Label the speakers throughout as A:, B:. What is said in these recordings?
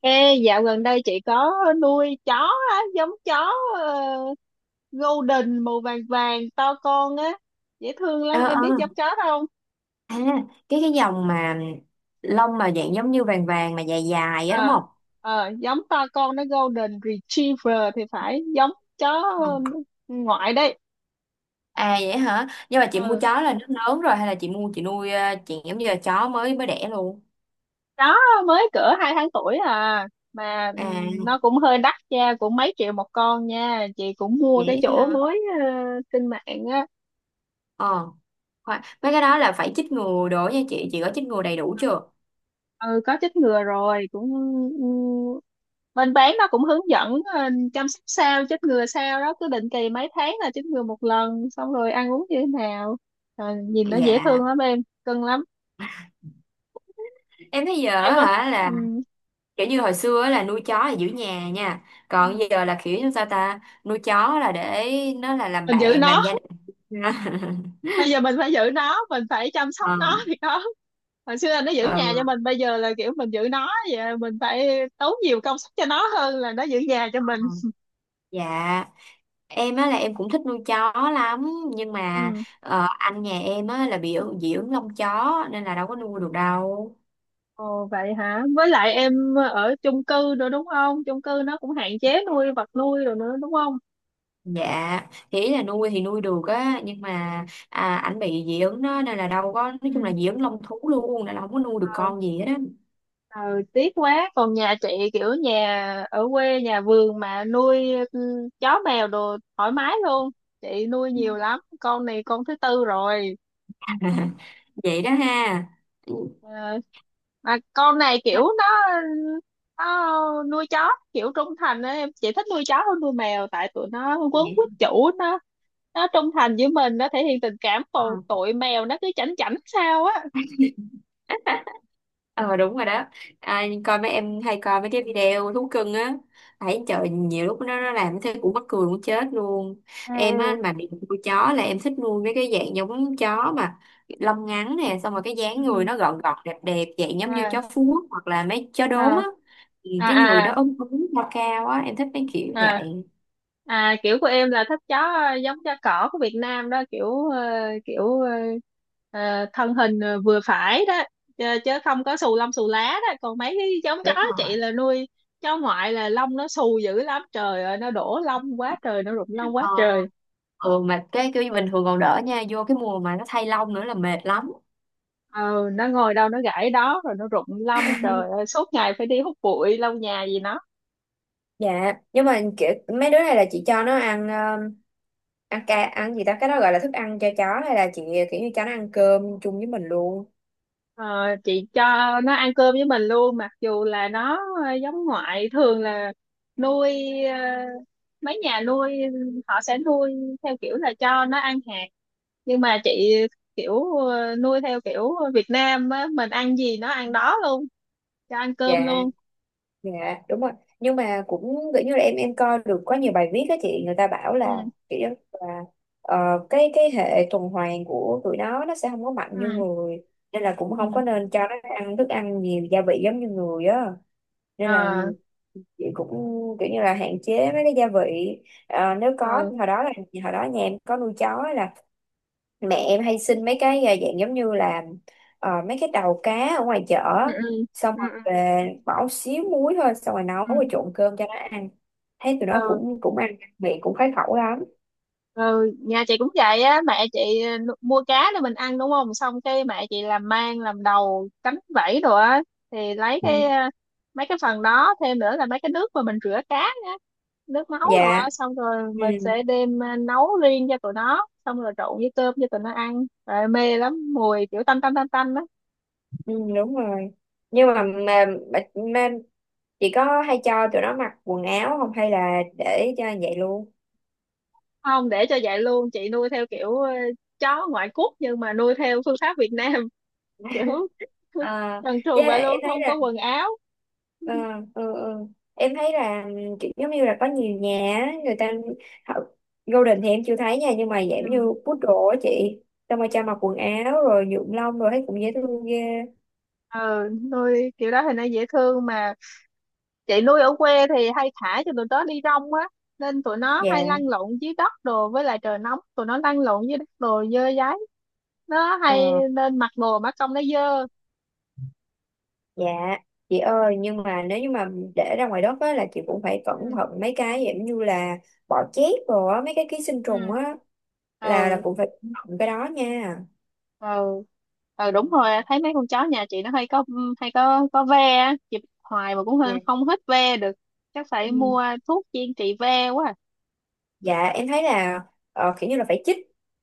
A: Ê, dạo gần đây chị có nuôi chó á, giống chó ờ, golden màu vàng vàng to con á, dễ thương lắm,
B: ờ
A: em
B: ờ
A: biết giống chó đó không?
B: à cái dòng mà lông mà dạng giống như vàng vàng mà dài dài á, đúng
A: Ờ,
B: không?
A: Giống to con, nó golden retriever thì phải, giống chó
B: Ừ.
A: ngoại đấy.
B: À, vậy hả? Nhưng mà chị mua
A: Ừ,
B: chó là nó lớn rồi hay là chị nuôi, chị, giống như là chó mới mới đẻ luôn?
A: đó mới cỡ 2 tháng tuổi à, mà
B: À
A: nó cũng hơi đắt nha, cũng mấy triệu một con nha. Chị cũng mua cái
B: vậy
A: chỗ
B: hả.
A: mới trên mạng.
B: ờ Khoan, mấy cái đó là phải chích ngừa đồ nha, chị có chích ngừa đầy đủ chưa?
A: Ừ, có chích ngừa rồi cũng ừ, bên bán nó cũng hướng dẫn chăm sóc sao, chích ngừa sao đó, cứ định kỳ mấy tháng là chích ngừa một lần, xong rồi ăn uống như thế nào. Rồi nhìn nó dễ
B: Dạ,
A: thương lắm em, cưng lắm
B: em thấy giờ
A: em
B: á
A: có.
B: hả
A: Ừ.
B: là kiểu như hồi xưa á là nuôi chó là giữ nhà nha,
A: Ừ.
B: còn giờ là kiểu như sao ta, nuôi chó là để nó là làm
A: Mình giữ
B: bạn,
A: nó,
B: làm gia đình.
A: bây giờ mình phải giữ nó, mình phải chăm sóc nó thì có. Hồi xưa là nó giữ
B: Ờ,
A: nhà cho mình, bây giờ là kiểu mình giữ nó vậy, mình phải tốn nhiều công sức cho nó hơn là nó giữ nhà cho mình.
B: ừ. Dạ, em á là em cũng thích nuôi chó lắm, nhưng mà
A: Ừ.
B: anh nhà em á là bị dị ứng lông chó nên là đâu có nuôi được đâu.
A: Ồ vậy hả? Với lại em ở chung cư nữa đúng không? Chung cư nó cũng hạn chế nuôi vật nuôi rồi nữa đúng không?
B: Dạ, thì ý là nuôi thì nuôi được á, nhưng mà anh bị dị ứng đó nên là đâu có, nói chung là
A: Ừ.
B: dị ứng lông thú luôn nên là không có nuôi được
A: Ờ,
B: con gì hết á.
A: ờ, tiếc quá. Còn nhà chị kiểu nhà ở quê, nhà vườn, mà nuôi ừ, chó mèo đồ thoải mái luôn. Chị nuôi nhiều lắm. Con này con thứ tư rồi.
B: Vậy đó ha. Ừ.
A: Ờ, mà con này kiểu nó nuôi chó kiểu trung thành á. Em chỉ thích nuôi chó hơn nuôi mèo tại tụi nó quấn quýt chủ nó trung thành với mình, nó thể hiện tình cảm, còn
B: Dạ.
A: tụi mèo nó cứ chảnh chảnh sao á.
B: Ờ đúng rồi đó. Coi mấy, em hay coi mấy cái video thú cưng á, thấy trời nhiều lúc nó làm thế cũng mắc cười muốn chết luôn. Em á
A: Ừ
B: mà bị nuôi chó là em thích nuôi mấy cái dạng giống chó mà lông ngắn
A: ừ
B: nè, xong rồi cái
A: ừ
B: dáng người
A: ừ.
B: nó gọn gọt đẹp đẹp, dạng
A: ừ.
B: giống như
A: à
B: chó Phú Quốc hoặc là mấy chó đốm á.
A: à
B: Thì
A: à
B: cái người đó
A: à
B: ốm ốm cao cao á, em thích mấy kiểu
A: à
B: vậy.
A: à Kiểu của em là tháp chó giống chó cỏ của Việt Nam đó, kiểu thân hình vừa phải đó, chứ không có xù lông xù lá đó. Còn mấy cái giống chó
B: Đúng rồi.
A: chị là nuôi, chó ngoại là lông nó xù dữ lắm, trời ơi nó đổ lông quá trời, nó rụng lông quá
B: ờ
A: trời.
B: ừ, mà cái kiểu như bình thường còn đỡ nha, vô cái mùa mà nó thay lông nữa là mệt lắm.
A: Ờ, nó ngồi đâu nó gãi đó rồi nó rụng lông, trời ơi, suốt ngày phải đi hút bụi lau nhà gì nó.
B: Dạ, nhưng mà kiểu mấy đứa này là chị cho nó ăn ăn ca, ăn gì ta, cái đó gọi là thức ăn cho chó hay là chị kiểu như cho nó ăn cơm chung với mình luôn?
A: Ờ, chị cho nó ăn cơm với mình luôn, mặc dù là nó giống ngoại thường là nuôi ờ, mấy nhà nuôi họ sẽ nuôi theo kiểu là cho nó ăn hạt, nhưng mà chị kiểu nuôi theo kiểu Việt Nam á, mình ăn gì nó ăn đó luôn, cho ăn cơm
B: Dạ.
A: luôn.
B: Dạ đúng rồi, nhưng mà cũng kiểu như là em coi được có nhiều bài viết á chị, người ta bảo là
A: Ừ
B: kiểu như là ờ, cái hệ tuần hoàn của tụi nó sẽ không có mạnh như
A: ừ
B: người, nên là cũng không có
A: ừ
B: nên cho nó ăn thức ăn nhiều gia vị giống như người á, nên là
A: ờ
B: chị cũng kiểu như là hạn chế mấy cái gia vị. Ờ, nếu có
A: ừ
B: hồi đó là, hồi đó nhà em có nuôi chó là mẹ em hay xin mấy cái dạng giống như là mấy cái đầu cá ở ngoài chợ,
A: ừ
B: xong
A: ừ
B: rồi
A: ừ
B: về bỏ xíu muối thôi, xong rồi nấu
A: ừ
B: rồi trộn cơm cho nó ăn, thấy tụi nó
A: ừ.
B: cũng cũng ăn miệng, cũng khoái khẩu lắm.
A: Ừ, nhà chị cũng vậy á. Mẹ chị mua cá để mình ăn đúng không, xong cái mẹ chị làm, mang làm đầu cánh vảy rồi á, thì lấy
B: Ừ.
A: cái mấy cái phần đó, thêm nữa là mấy cái nước mà mình rửa cá á, nước máu
B: Dạ.
A: rồi á,
B: Dạ.
A: xong rồi mình
B: Ừ.
A: sẽ đem nấu riêng cho tụi nó, xong rồi trộn với cơm cho tụi nó ăn, rồi mê lắm, mùi kiểu tanh tanh tanh tanh đó.
B: Ừ, đúng rồi. Nhưng mà, mà chị có hay cho tụi nó mặc quần áo không hay là để cho vậy luôn?
A: Không, để cho vậy luôn. Chị nuôi theo kiểu chó ngoại quốc nhưng mà nuôi theo phương pháp Việt Nam. Kiểu
B: à,
A: trần
B: với
A: truồng vậy
B: em
A: luôn,
B: thấy
A: không có
B: là.
A: quần áo.
B: Ờ, ừ, ừ. Em thấy là kiểu giống như là có nhiều nhà á, người ta họ, Golden thì em chưa thấy nha, nhưng mà dạng
A: Ừ.
B: như poodle á chị, xong rồi cho mặc quần áo rồi nhuộm lông, rồi thấy cũng dễ thương ghê.
A: Ừ, nuôi kiểu đó thì nó dễ thương, mà chị nuôi ở quê thì hay thả cho tụi nó đi rong á, nên tụi nó hay
B: Dạ.
A: lăn lộn dưới đất đồ, với lại trời nóng tụi nó lăn lộn dưới đất đồ dơ dáy nó
B: ờ,
A: hay, nên mặc đồ mà trông nó dơ.
B: dạ, chị ơi, nhưng mà nếu như mà để ra ngoài đất á là chị cũng phải cẩn
A: ừ
B: thận mấy cái dạng như là bọ chét rồi á, mấy cái ký sinh trùng
A: ừ
B: á, là
A: ừ
B: cũng phải cẩn thận cái đó nha.
A: ừ ừ, đúng rồi, thấy mấy con chó nhà chị nó hay có, hay có ve á. Chị bắt hoài mà cũng hơi- không hết ve được, chắc phải mua
B: Dạ.
A: thuốc chuyên trị ve quá à.
B: Dạ em thấy là kiểu như là phải chích,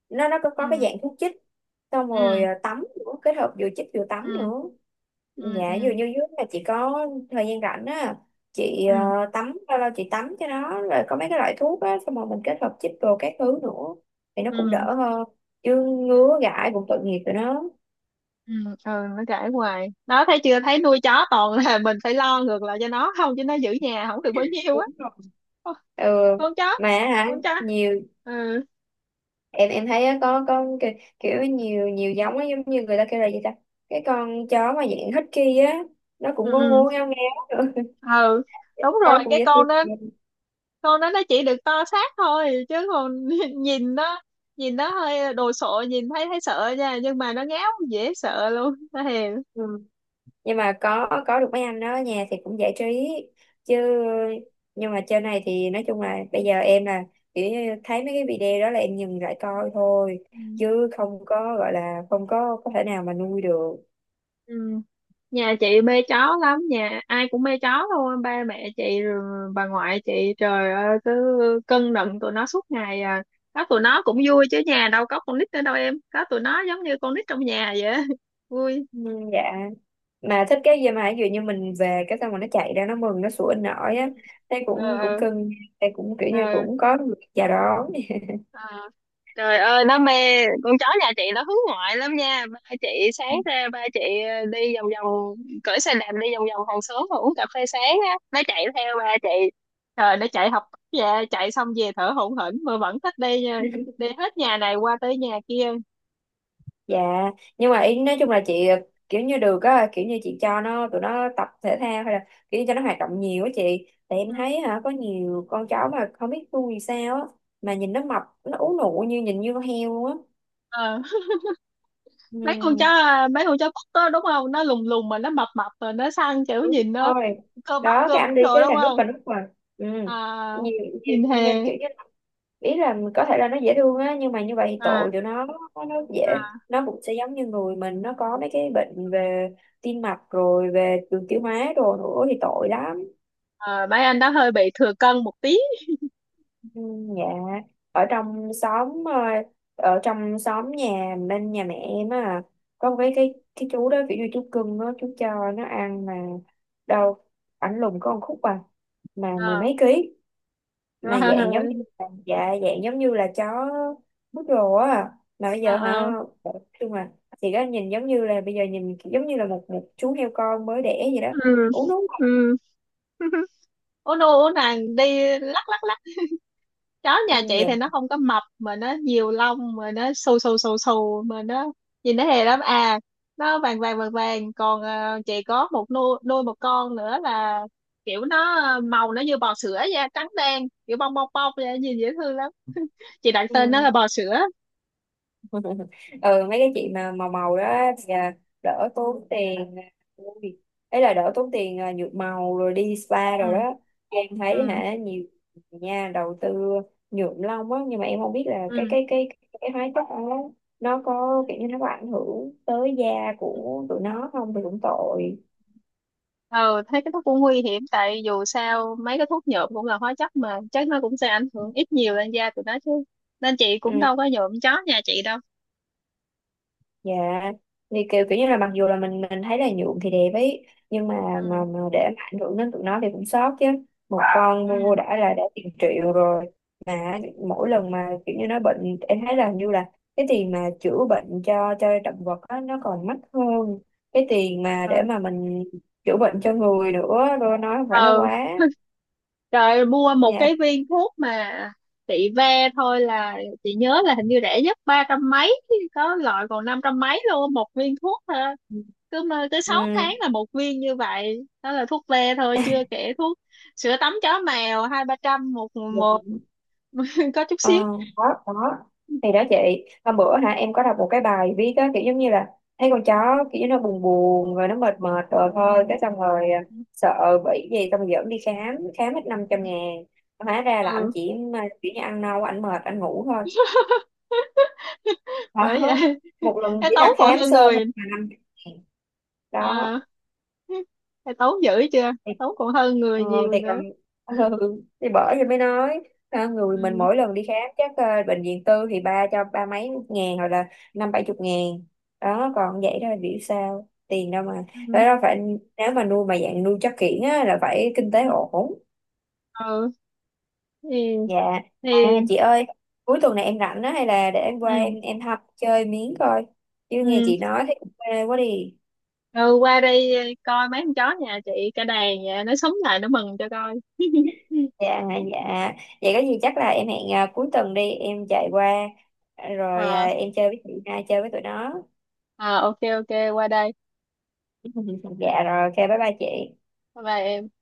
B: nó có cái
A: Ừ
B: dạng thuốc chích, xong rồi
A: ừ
B: tắm nữa, kết hợp vừa chích vừa tắm
A: ừ
B: nữa.
A: ừ ừ
B: Dạ, dường như dưới là chị có thời gian rảnh á chị,
A: ừ
B: tắm bao lâu chị tắm cho nó, rồi có mấy cái loại thuốc á, xong rồi mình kết hợp chích đồ các thứ nữa thì nó cũng
A: ừ
B: đỡ hơn, chứ
A: ừ
B: ngứa gãi cũng tội nghiệp tụi nó.
A: ừ Ừ, nó kể hoài, nó thấy chưa thấy nuôi chó toàn là mình phải lo ngược lại cho nó, không chứ nó giữ nhà không được bao nhiêu á. Ô,
B: Ừ.
A: con chó,
B: Mà hả,
A: con chó.
B: nhiều,
A: ừ
B: em thấy á, có kiểu, kiểu nhiều nhiều giống á, giống như người ta kêu là gì ta, cái con chó mà dạng husky á, nó
A: ừ
B: cũng ngu
A: ừ
B: ngu ngao ngao nữa.
A: ừ, đúng
B: Con
A: rồi,
B: nó cũng
A: cái
B: dễ thương.
A: con đó, con đó nó chỉ được to xác thôi chứ còn nhìn nó, nhìn nó hơi đồ sộ, nhìn thấy thấy sợ nha, nhưng mà nó ngáo dễ sợ luôn, nó hiền.
B: Ừ. Nhưng mà có được mấy anh đó ở nhà thì cũng giải trí chứ. Nhưng mà trên này thì nói chung là bây giờ em là kiểu như thấy mấy cái video đó là em dừng lại coi thôi, chứ không có gọi là không có có thể nào mà nuôi được.
A: Ừ. Nhà chị mê chó lắm, nhà ai cũng mê chó thôi, ba mẹ chị rồi bà ngoại chị, trời ơi, cứ cưng nựng tụi nó suốt ngày à. Có tụi nó cũng vui chứ, nhà đâu có con nít nữa đâu em, có tụi nó giống như con nít trong nhà vậy á. Vui.
B: Ừ, dạ, mà thích cái gì mà ví dụ như mình về cái xong rồi nó chạy ra, nó mừng nó sủa
A: Ừ.
B: nổi á, thấy
A: ờ
B: cũng cũng
A: ờ
B: cưng, thấy cũng kiểu như
A: ờ.
B: cũng có người chào đón.
A: Ờ. Trời ơi nó mê, con chó nhà chị nó hướng ngoại lắm nha. Ba chị sáng ra, ba chị đi vòng vòng, cởi xe đạp đi vòng vòng hàng xóm mà uống cà phê sáng á, nó chạy theo ba chị. Trời, nó chạy học về, chạy xong về thở hổn hển mà vẫn thích đi nha, đi hết nhà này qua tới nhà kia.
B: Dạ, nhưng mà ý nói chung là chị kiểu như được á, kiểu như chị cho nó, tụi nó tập thể thao hay là kiểu như cho nó hoạt động nhiều á chị, tại em thấy hả có nhiều con chó mà không biết vui vì sao á, mà nhìn nó mập, nó ú nụ như nhìn như con heo luôn á.
A: Ờ,
B: Ừ.
A: mấy con chó à, mấy con chó cút đó đúng không, nó lùng lùng mà nó mập mập rồi nó săn, kiểu
B: Đúng
A: nhìn nó
B: rồi đó,
A: cơ
B: cái
A: bắp
B: anh đi
A: rồi
B: cái
A: đúng
B: là nút
A: không.
B: và nút mà. Ừ
A: À,
B: nhiều,
A: nhìn hề.
B: nhìn kiểu như là- ý là có thể là nó dễ thương á, nhưng mà như vậy thì
A: À.
B: tội tụi nó, nó dễ, nó cũng sẽ giống như người mình, nó có mấy cái bệnh về tim mạch rồi về đường tiêu hóa đồ nữa thì tội lắm.
A: Ờ, mấy anh đó hơi bị thừa cân một tí.
B: Ừ, dạ, ở trong xóm ờ, ở trong xóm nhà bên nhà mẹ em á, có một cái chú đó kiểu như chú cưng á, chú cho nó ăn mà đâu, ảnh lùn có một khúc à mà mười
A: Ờ,
B: mấy ký, mà dạng giống
A: rồi.
B: như là, dạ dạng giống như là chó bút rồ á. À, mà bây
A: Ờ,
B: giờ
A: ờ.
B: hả, khi mà thì có nhìn giống như là, bây giờ nhìn giống như là một một chú heo con mới đẻ vậy đó,
A: ừ
B: uống đúng
A: ừ
B: không?
A: Ủa nô, ủa nàng đi lắc lắc lắc. Chó
B: Ừ,
A: nhà chị
B: dạ.
A: thì nó không có mập mà nó nhiều lông, mà nó xù xù xù xù, mà nó nhìn nó hề lắm à. Nó vàng vàng vàng vàng. Còn chị có một nuôi, nuôi một con nữa là, kiểu nó màu nó như bò sữa, da trắng đen kiểu bong bong bong vậy, nhìn dễ thương lắm. Chị đặt tên nó
B: Ừ.
A: là bò sữa.
B: Ừ mấy cái chị mà màu màu đó thì đỡ tốn tiền ui, ấy là đỡ tốn tiền nhuộm màu rồi đi spa
A: ừ
B: rồi đó. Em
A: ừ
B: thấy hả nhiều người nha, đầu tư nhuộm lông á, nhưng mà em không biết là cái
A: ừ
B: cái cái cái hóa chất đó nó có kiểu như nó có ảnh hưởng tới da
A: Ừ.
B: của tụi nó không thì cũng tội.
A: Ờ, thấy cái thuốc cũng nguy hiểm, tại dù sao mấy cái thuốc nhuộm cũng là hóa chất, mà chắc nó cũng sẽ ảnh hưởng ít nhiều lên da tụi nó chứ. Nên chị cũng
B: Ừ.
A: đâu có nhuộm chó nhà chị đâu.
B: Dạ, thì kiểu kiểu như là mặc dù là mình thấy là nhuộm thì đẹp ấy, nhưng mà
A: ừ
B: mà, mà để mà ảnh hưởng đến tụi nó thì cũng sót chứ. Một con
A: ừ
B: mua đã là đã tiền triệu rồi, mà mỗi lần mà kiểu như nó bệnh em thấy là hình như là cái tiền mà chữa bệnh cho động vật á nó còn mắc hơn cái tiền mà để mà mình chữa bệnh cho người nữa, rồi nói phải nó
A: ờ,
B: quá.
A: trời, mua một
B: Dạ.
A: cái viên thuốc mà chị, ve thôi là, chị nhớ là hình như rẻ nhất 300 mấy, có loại còn 500 mấy luôn, một viên thuốc thôi. Cứ mơ tới sáu
B: Ừ.
A: tháng là một viên như vậy đó, là thuốc ve thôi, chưa kể thuốc, sữa tắm chó mèo 2, 3 trăm một, một có chút
B: Ờ,
A: xíu.
B: đó, đó. Thì đó chị, hôm bữa hả em có đọc một cái bài viết á, kiểu giống như là thấy con chó kiểu như nó buồn buồn rồi nó mệt mệt rồi thôi cái xong rồi sợ bị gì xong rồi dẫn đi khám, khám hết 500.000, hóa ra là anh
A: Ừ,
B: chỉ mà kiểu như ăn nâu, anh mệt anh ngủ thôi.
A: bởi
B: Đó,
A: vậy.
B: một lần
A: Cái
B: chỉ
A: tấu
B: là
A: còn
B: khám
A: hơn
B: sơ thôi
A: người.
B: mà 500.000. Đó
A: À, cái tấu dữ chưa,
B: thì,
A: tấu còn hơn
B: ờ,
A: người nhiều
B: thì còn
A: nữa.
B: ừ, thì bởi thì mới nói ha, người mình
A: ừ
B: mỗi lần đi khám chắc bệnh viện tư thì ba cho ba mấy ngàn hoặc là năm bảy chục ngàn, đó còn vậy đó là biểu sao tiền đâu mà, đó
A: ừ
B: là phải nếu mà nuôi mà dạng nuôi chắc kiển á là phải kinh tế
A: ừ
B: ổn.
A: ừ thì,
B: Dạ.
A: thì.
B: Chị ơi, cuối tuần này em rảnh á, hay là để em qua, em
A: ừ
B: em học chơi miếng coi, chứ nghe
A: ừ
B: chị nói thấy cũng mê quá đi.
A: ừ, qua đây coi mấy con chó nhà chị cả đàn, nhà nó sống lại nó mừng cho coi.
B: Dạ. Dạ vậy có gì chắc là em hẹn cuối tuần đi, em chạy qua rồi
A: ờ
B: em chơi với chị hai, chơi với tụi nó.
A: ờ OK, OK, qua đây.
B: Dạ rồi, ok, bye bye chị.
A: Bye bye em.